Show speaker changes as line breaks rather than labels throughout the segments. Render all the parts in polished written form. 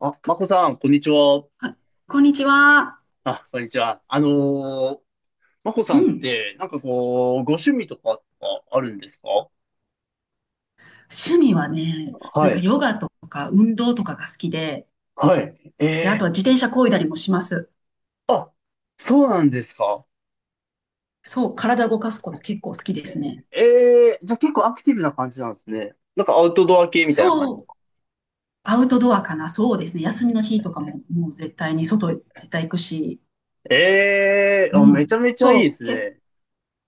あ、まこさん、こんにちは。
あ、こんにちは。
あ、こんにちは。ー、まこ
う
さんっ
ん。
て、なんかこう、ご趣味とかあるんですか？
趣味はね、なん
は
か
い。
ヨガとか運動とかが好きで、
はい。え
で、あとは
え。
自転車漕いだりもします。
あ、そうなんですか。
そう、体動かすこと結構好きですね。
ええ、じゃあ結構アクティブな感じなんですね。なんかアウトドア系みたいな感じ。
そう、アウトドアかな。そうですね。休みの日とかももう絶対に外絶対行くし。
ええ、
う
あ、めちゃ
ん。
めちゃいいで
そ
す
う、
ね。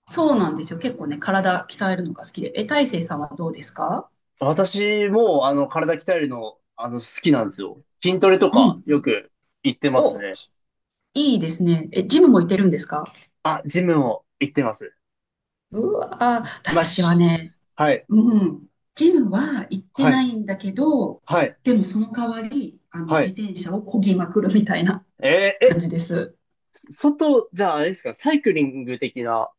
そうなんですよ。結構ね、体鍛えるのが好きで。え、大成さんはどうですか？
私も、体鍛えるの、好きなんですよ。筋トレと
う
か、よ
ん。
く行ってます
お、
ね。
いいですね。え、ジムも行ってるんですか？
あ、ジムも行ってます。
うわ、
まあ、
私はね、
しはい。
うん、ジムは行って
は
な
い。
いんだけど、
はい。
でもその代わり、
は
自
い。
転車を漕ぎまくるみたいな
えー、
感
え、
じです。
外、じゃああれですか、サイクリング的な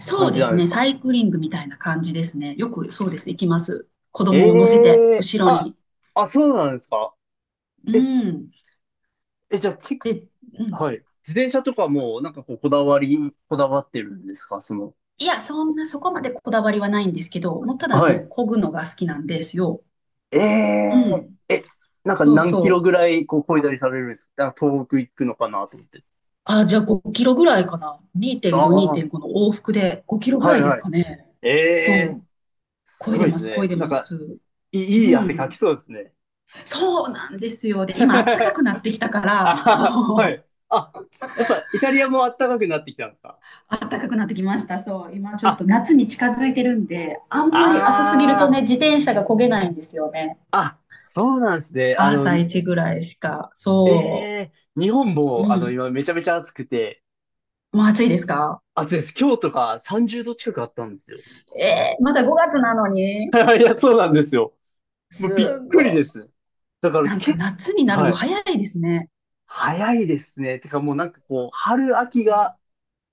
そ
感
う
じ
で
な
す
んで
ね、
す
サ
か？
イクリングみたいな感じですね。よくそうです、行きます。子
え
供を乗せて、
えー、
後ろ
あ、
に。
あ、そうなんですか？
う
え、
ん。
え、じゃあ結
で、う
構、
ん。
はい。自転車とかも、なんかこう、こだわり、こだわってるんですか、その、
いや、そ
そ
んな、そこまでこだわりはないんですけど、もうただ
は
ね、
い。
漕ぐのが好きなんですよ。
え
う
え
ん。
ー、え、なんか
そう
何キロ
そう。
ぐらい、こう、こいだりされるんですか？なんか東北行くのかなと思って。
あ、じゃあ5キロぐらいかな。
あ
2.5、
あ、
2.5の往復で5キロぐら
はい
いで
は
す
い。
かね。
え
そ
え
う
ー、す
漕い
ご
で
いで
ま
す
す、漕い
ね。
で
なん
ま
か、
す。
い
う
い、いい汗かき
ん。
そうですね。
そうなんですよ。で、今、暖かく なってきたから、
あー、は
そう、
い。あ、やっぱイタリアも暖かくなってきたんですか？
暖かくなってきました。そう、今ちょっと
あ、
夏に近づいてるんで、あんまり暑すぎると
あ
ね、自転車が漕げないんですよね。
あ、あ、そうなんですね。あの、
朝一ぐらいしか。
え
そ
えー、日本
う。う
も、あの、
ん。
今めちゃめちゃ暑くて、
もう暑いですか？
暑いです。今日とか30度近くあったんですよ。
えー、まだ5月なのに。
いや、そうなんですよ。もうびっ
すご
く
い。
りです。だから
なんか
け、
夏になる
は
の
い。
早いですね。
早いですね。てかもうなんかこう、春秋が、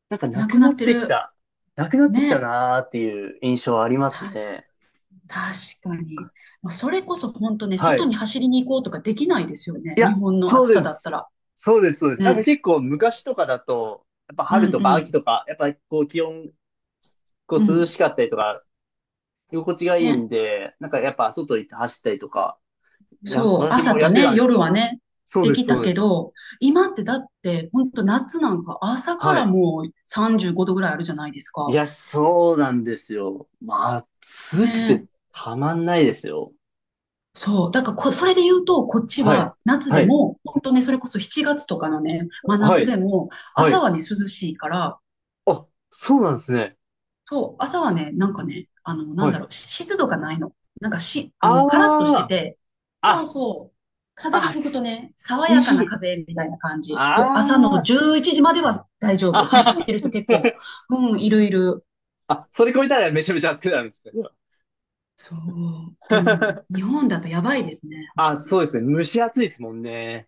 なんかな
な
く
くな
なっ
って
てき
る。
た、なくなってきた
ね。
なーっていう印象ありま
確
すね。
確かに。まあそれこそ本当ね、
は
外
い。
に走りに行こうとかできないですよね。
い
日
や、
本の
そう
暑さ
で
だった
す。
ら。
そうです。なんか
ね。
結構昔とかだと、やっぱ
うん
春
う
とか秋
ん。
とか、やっぱこう気温、こ
う
う涼
ん。
しかったりとか、居心地がいい
ね。
んで、なんかやっぱ外行って走ったりとか、いや、
そう。
私
朝
もや
と
ってた
ね、
んです
夜
よ。
はね、
そう
で
です、
き
そ
た
うで
け
す。
ど、今ってだって、本当夏なんか朝か
は
ら
い。
もう35度ぐらいあるじゃないです
い
か。
や、そうなんですよ。まあ、暑くて
ね。
たまんないですよ。
そう。だからそれで言うと、こっち
はい。
は夏
は
で
い。
も、本当ね、それこそ7月とかのね、真
は
夏
い。
でも、
は
朝
い。
はね、涼しいから、
あ、そうなんですね。
そう、朝はね、なんかね、なん
は
だ
い。
ろう、湿度がないの。なんかし、カラッとして
ああ、
て、そう
あ、
そう、風が
あ、
吹くと
す
ね、爽
い
やかな
い。
風みたいな感じ。朝の
ああ、
11時までは大丈
あ
夫。走って
は
る人結構、
は、
うん、いるいる。
あ、それ超えたらめちゃめちゃ暑くなるんですね。
そう、でも、日 本だとやばいですね、本
あ、
当
そ
に。
うですね。蒸し暑いですもんね。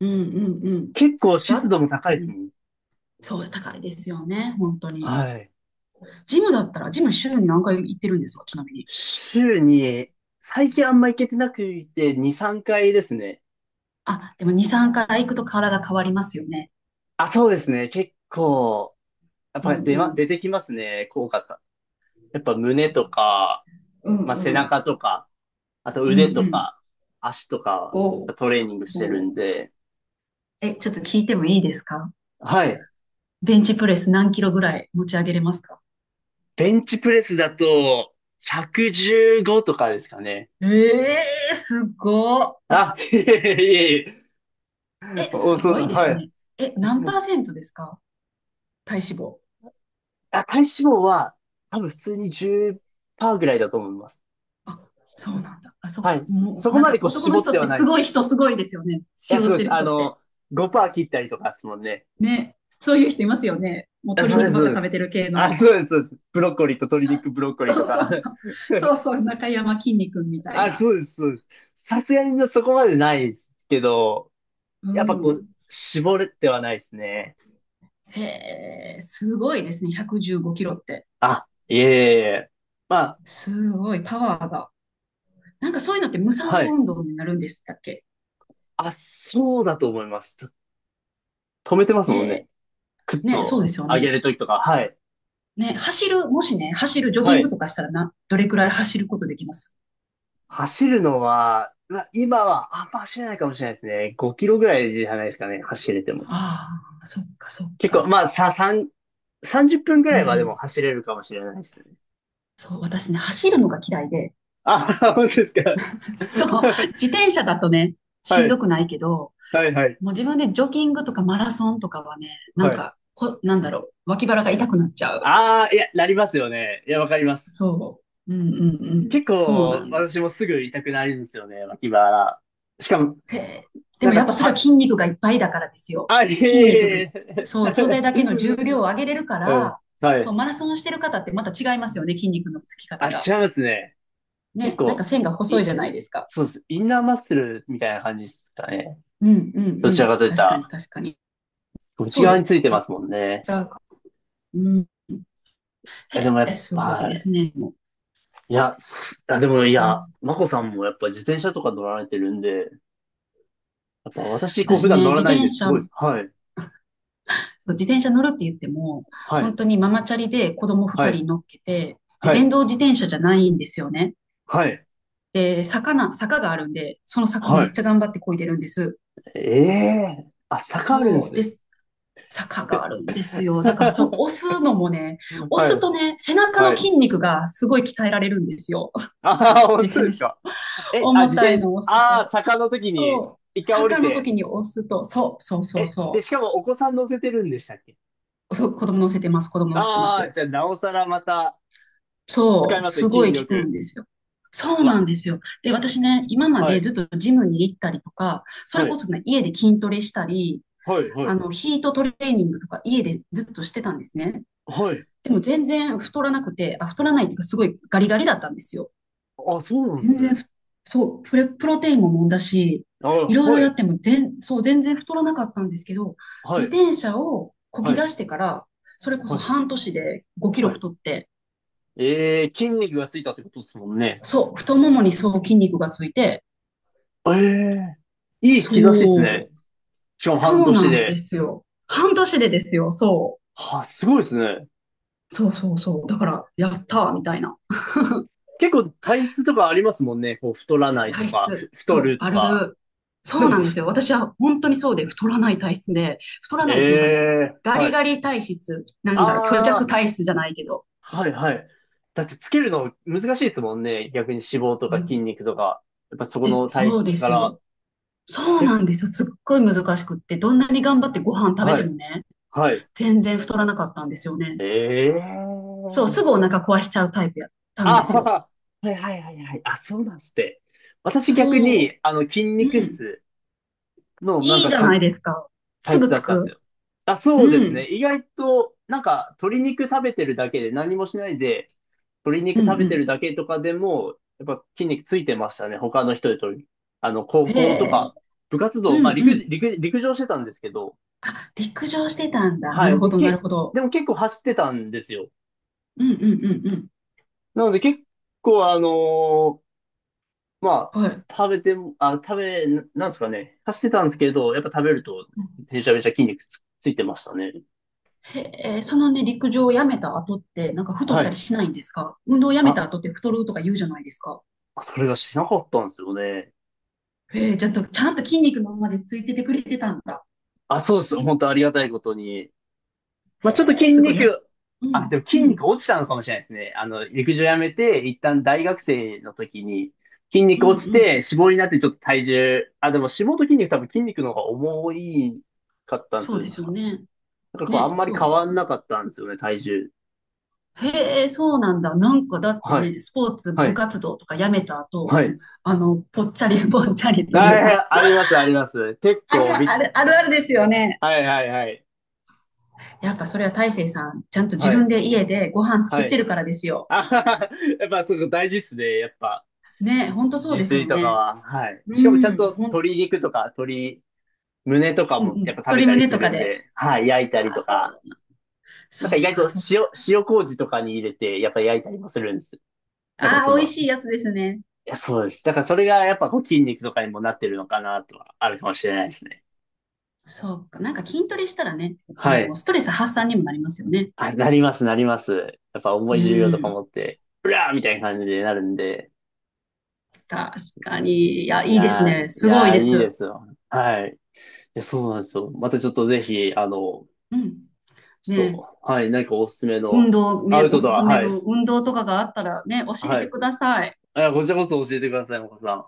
うんうんうん。
結構湿
だ、
度も高
う
いです
ん、
もん。
そう、高いですよね、本当に。
はい。
ジム週に何回行ってるんですか、ちなみに？
週に、最近あんま行けてなくて、2、3回ですね。
あ、でも2、3回行くと体変わりますよね。
あ、そうですね。結構、やっ
うん
ぱ出
う
ま、
ん。
出てきますね。効果が。やっぱ胸とか、
う
ま
ん
あ、背
うん。
中とか、あと
うんう
腕と
ん。
か、足とか、やっ
おう
ぱトレーニングしてる
おう。
んで。
え、ちょっと聞いてもいいですか？
はい。
ベンチプレス何キロぐらい持ち上げれますか？
ベンチプレスだと、115とかですかね。
ええー、すごっ。
あ、いえ。
え、
お、
す
そ
ご
う、
いで
は
す
い。
ね。え、何パーセントですか？体脂肪。
あ、体脂肪は、多分普通に10%ぐらいだと思います。
あ、そうなんだ。あ、そ
はい。
う。
そ、
も
そ
う、
こ
なん
まで
か
こう
男
絞
の
っ
人
て
っ
は
て
ない。
すご
い
い人すごいですよね。
や、
絞
そ
っ
うで
てる
す。あ
人って。
の、5%切ったりとかですもんね。
ね。そういう人いますよね。もう
あ、
鶏
そうで
肉
す、
ばっ
そう
か
で
食べ
す。
てる系
あ、
の。
そうです、そうです。ブロッコリーと鶏肉ブロッ コリーと
そうそ
か。
うそう。そうそう。中山きんに君みたい
あ、
な。
そうです、そうです。さすがにそこまでないですけど、
う
やっぱこう、
ん。
絞れてはないですね。
へえ、すごいですね。115キロって。
あ、いえ。まあ、
すごい、パワーが。なんかそういうのって無酸
は
素
い。
運動になるんですだっけ？
あ、そうだと思います。と止めてます
へ
もんね。
え、
クッ
ね、そう
と
ですよ
上げ
ね。
るときとか。はい。
ね、もしね、走る、ジョギ
は
ング
い。
とかしたらな、どれくらい走ることできます？
走るのは、まあ、今はあんま走れないかもしれないですね。5キロぐらいじゃないですかね。走れても。
ああ、そっか、そっ
結構、
か。
まあ、さ、3、30分ぐ
うん
ら
う
いはでも
ん。
走れるかもしれないですね。
そう、私ね、走るのが嫌いで、
あ、本当ですか。
そう、自転車だとね、しんどくないけど、
はい。
もう自分でジョギングとかマラソンとかはね、なん
はい。
か、なんだろう、脇腹が痛くなっちゃう。
ああ、いや、なりますよね。いや、わかります。
そう。うんうんうん。
結
そうな
構、
んで。
私もすぐ痛くなるんですよね、脇腹。しかも、
へえ。で
なん
も
か、
やっぱそれは
た、
筋肉がいっぱいだからですよ。
あ、い
筋肉が、
えいえ
そう、それだ
い
けの重量を上げれるか
え うん、
ら、
は
そう、
い。
マラソンしてる方ってまた違いますよね、筋肉のつき方
あ、違
が。
いますね。結
ね、なんか
構、
線が細い
い、
じゃないですか。
そうです。インナーマッスルみたいな感じですかね。
うんうん
ど
う
ちら
ん。
かといった
確かに
ら、
確かに。
内
そうで
側に
す
ついてま
ね。
すもんね。
違うか。うん。
え、でも
へ
や
え、
っぱ、
すごい
は
で
い。
すね。もう、
いや、すあ、でもい
う
や、
ん、
マコさんもやっぱ自転車とか乗られてるんで、やっぱ私、こう、普
私
段
ね、
乗ら
自
ないん
転
です。
車
ごいです。はい。
そう自転車乗るって言っても、
はい。
本当にママチャリで子供
は
2
い。
人乗っけて、で、
は
電
い。
動自転車じゃないんですよね。
はい。
で、坂があるんで、その坂
は
めっ
い。
ちゃ頑張って漕いでるんです。
ええー、あ、坂あるんで
そう
す
で
ね。
す。坂があるんです よ。だから、それ
は
押すのもね、押す
い、
とね、背中
は
の
い。
筋肉がすごい鍛えられるんですよ。
ああ、本
自
当で
転
す
車。
か。え、あ、
重
自
たい
転車、
のを押す
ああ、
と。
坂の時に
そう。
一回降り
坂の
て、
時に押すと、そう、そうそう
え、で、
そ
しかもお子さん乗せてるんでしたっけ？
う。そう子供乗せてます、子供乗せてま
ああー、
す。
じゃあ、なおさらまた使
そ
い
う、
ますね、
すご
筋
い効く
力
んですよ。そうな
は。
んですよ。で、私ね、今ま
は
で
い、
ずっとジムに行ったりとか、それ
は
こ
い、
そね、家で筋トレしたり、
はい、はい、
ヒートトレーニングとか家でずっとしてたんですね。
はい。
でも全然太らなくて、あ、太らないっていうかすごいガリガリだったんですよ。
あ、そうなんで
全
す
然
ね。
ふ、そう、プロテインも飲んだし、
あ、
いろいろやってもそう、全然太らなかったんですけど、
は
自
い、
転車をこ
は
ぎ出
い、
してから、それこ
は
そ
い、
半年で5キロ
はい。
太って、
ええー、筋肉がついたってことですもんね。
そう、太ももにそう筋肉がついて、
ええー、いい兆しですね。
そう。
しかも
そ
半
う
年
なんで
で。
すよ。半年でですよ。そ
は、すごいですね。
う。そうそうそう。だから、やったーみたいな。
結構体質とかありますもんね。こう、太らないと
体
か、
質。
ふ太
そう、
ると
あ
か。
る。
で
そう
も
なんですよ。
す、
私は本当にそうで、太らない体質で、太ら
え
ないっていうかね、
え、
ガ
は
リ
い。
ガリ体質、なんだろう、虚弱
ああ、
体質じゃないけど。
はい。だってつけるの難しいですもんね。逆に脂肪と
う
か筋
ん。
肉とか。やっぱそこ
え、
の体
そう
質
で
か
す
ら。
よ。そう
え、
なんですよ。すっごい難しくって、どんなに頑張ってご飯食べ
は
ても
い、
ね、
はい。
全然太らなかったんですよね。
ええ、
そう、
いや、
すぐお
そ、
腹壊しちゃうタイプやったんで
あ
す
は
よ。
は、はい。あ、そうなんすって。私逆
そ
に、筋
う。う
肉
ん。
質の、なん
いい
か、
じゃ
か、
ないですか。す
体
ぐ
質だ
着
ったんです
く。
よ。あ、
う
そうです
ん。
ね。意外と、なんか、鶏肉食べてるだけで、何もしないで、鶏
う
肉
ん
食
う
べて
ん。
るだけとかでも、やっぱ筋肉ついてましたね。他の人よりとり。あの、
へ
高校と
え。
か、部活
う
動、まあ、
ん
陸、
うん。
陸、陸上してたんですけど、
あ、陸上してたんだ。な
は
る
い。
ほ
で、
ど、なる
け、
ほど。
でも結構走ってたんですよ。
うんうんうんうん。
なので結構、ーまあ、
はい。
食べても、あ、食べ、ななんですかね。走ってたんですけど、やっぱ食べると、めちゃめちゃ筋肉つ、ついてましたね。
へえ、そのね、陸上をやめた後って、なんか太っ
は
たり
い。
しないんですか？運動をやめた
あ、
後って太るとか言うじゃないですか。
あ、それがしなかったんですよね。
へえ、ちゃんと、ちゃんと筋肉のままでついててくれてたんだ。
あ、そうです。本当ありがたいことに。まあ、ちょっと
へえ、
筋
すごい。
肉、
う
あ、
ん、
でも
う
筋肉
ん、
落ちたのかもしれないですね。あの、陸上やめて、一旦大学生の時に、筋
う
肉
ん、う
落ちて、脂
ん。
肪になってちょっと体重、あ、でも脂肪と筋肉多分筋肉の方が重いかったんです
そう
よね、
です
確
よ
か。
ね。
だからこう、あ
ね、
んまり
そうで
変
す
わん
よ。
なかったんですよね、体重。
へえ、そうなんだ。なんかだって
はい、
ね、スポーツ
は
部
い、
活動とかやめた後、
はい。
ぽっちゃり ぽっちゃりというか、
あ、あります、あります。結
あり
構
ま、
び
あ
っ、
る、あるあるですよね。
はい。
やっぱそれは大成さん、ちゃんと自
はい、
分で家でご飯作
は
って
い。
るからですよ。
あはは、やっぱそこ大事っすね、やっぱ。
ね、ほんとそう
自
ですよ
炊とか
ね。
は、はい。
う
しかもちゃん
ん、
と鶏肉とか鶏胸とか
うんうん。
もやっぱ食べ
鶏
たり
胸
す
とか
るん
で。
で、はい、焼いたり
ああ、
とか、
そう。
な
そ
んか意
っ
外
か、
と
そっか。
塩、塩麹とかに入れて、やっぱ焼いたりもするんです。なんか
あ
そ
あ、美味
の、
しいやつですね。
いや、そうです。だからそれがやっぱこう筋肉とかにもなってるのかなとはあるかもしれないですね。
そっか。なんか筋トレしたらね、
はい。
ストレス発散にもなりますよね。
あ、なります。やっぱ重
う
い重量とか
ん。
持って、うらーみたいな感じになるんで。
確かに。いや、いいですね。すごいで
いいで
す。
すよ。はい。いや、そうなんですよ。またちょっとぜひ、あの、
うん。
ち
ね、
ょっと、はい、何かおすすめ
運
の
動
ア
ね、
ウト
お
ド
す
ア、
すめの運動とかがあったらね、教え
は
て
い。
ください。
あ、こちらこそ教えてください、岡さん。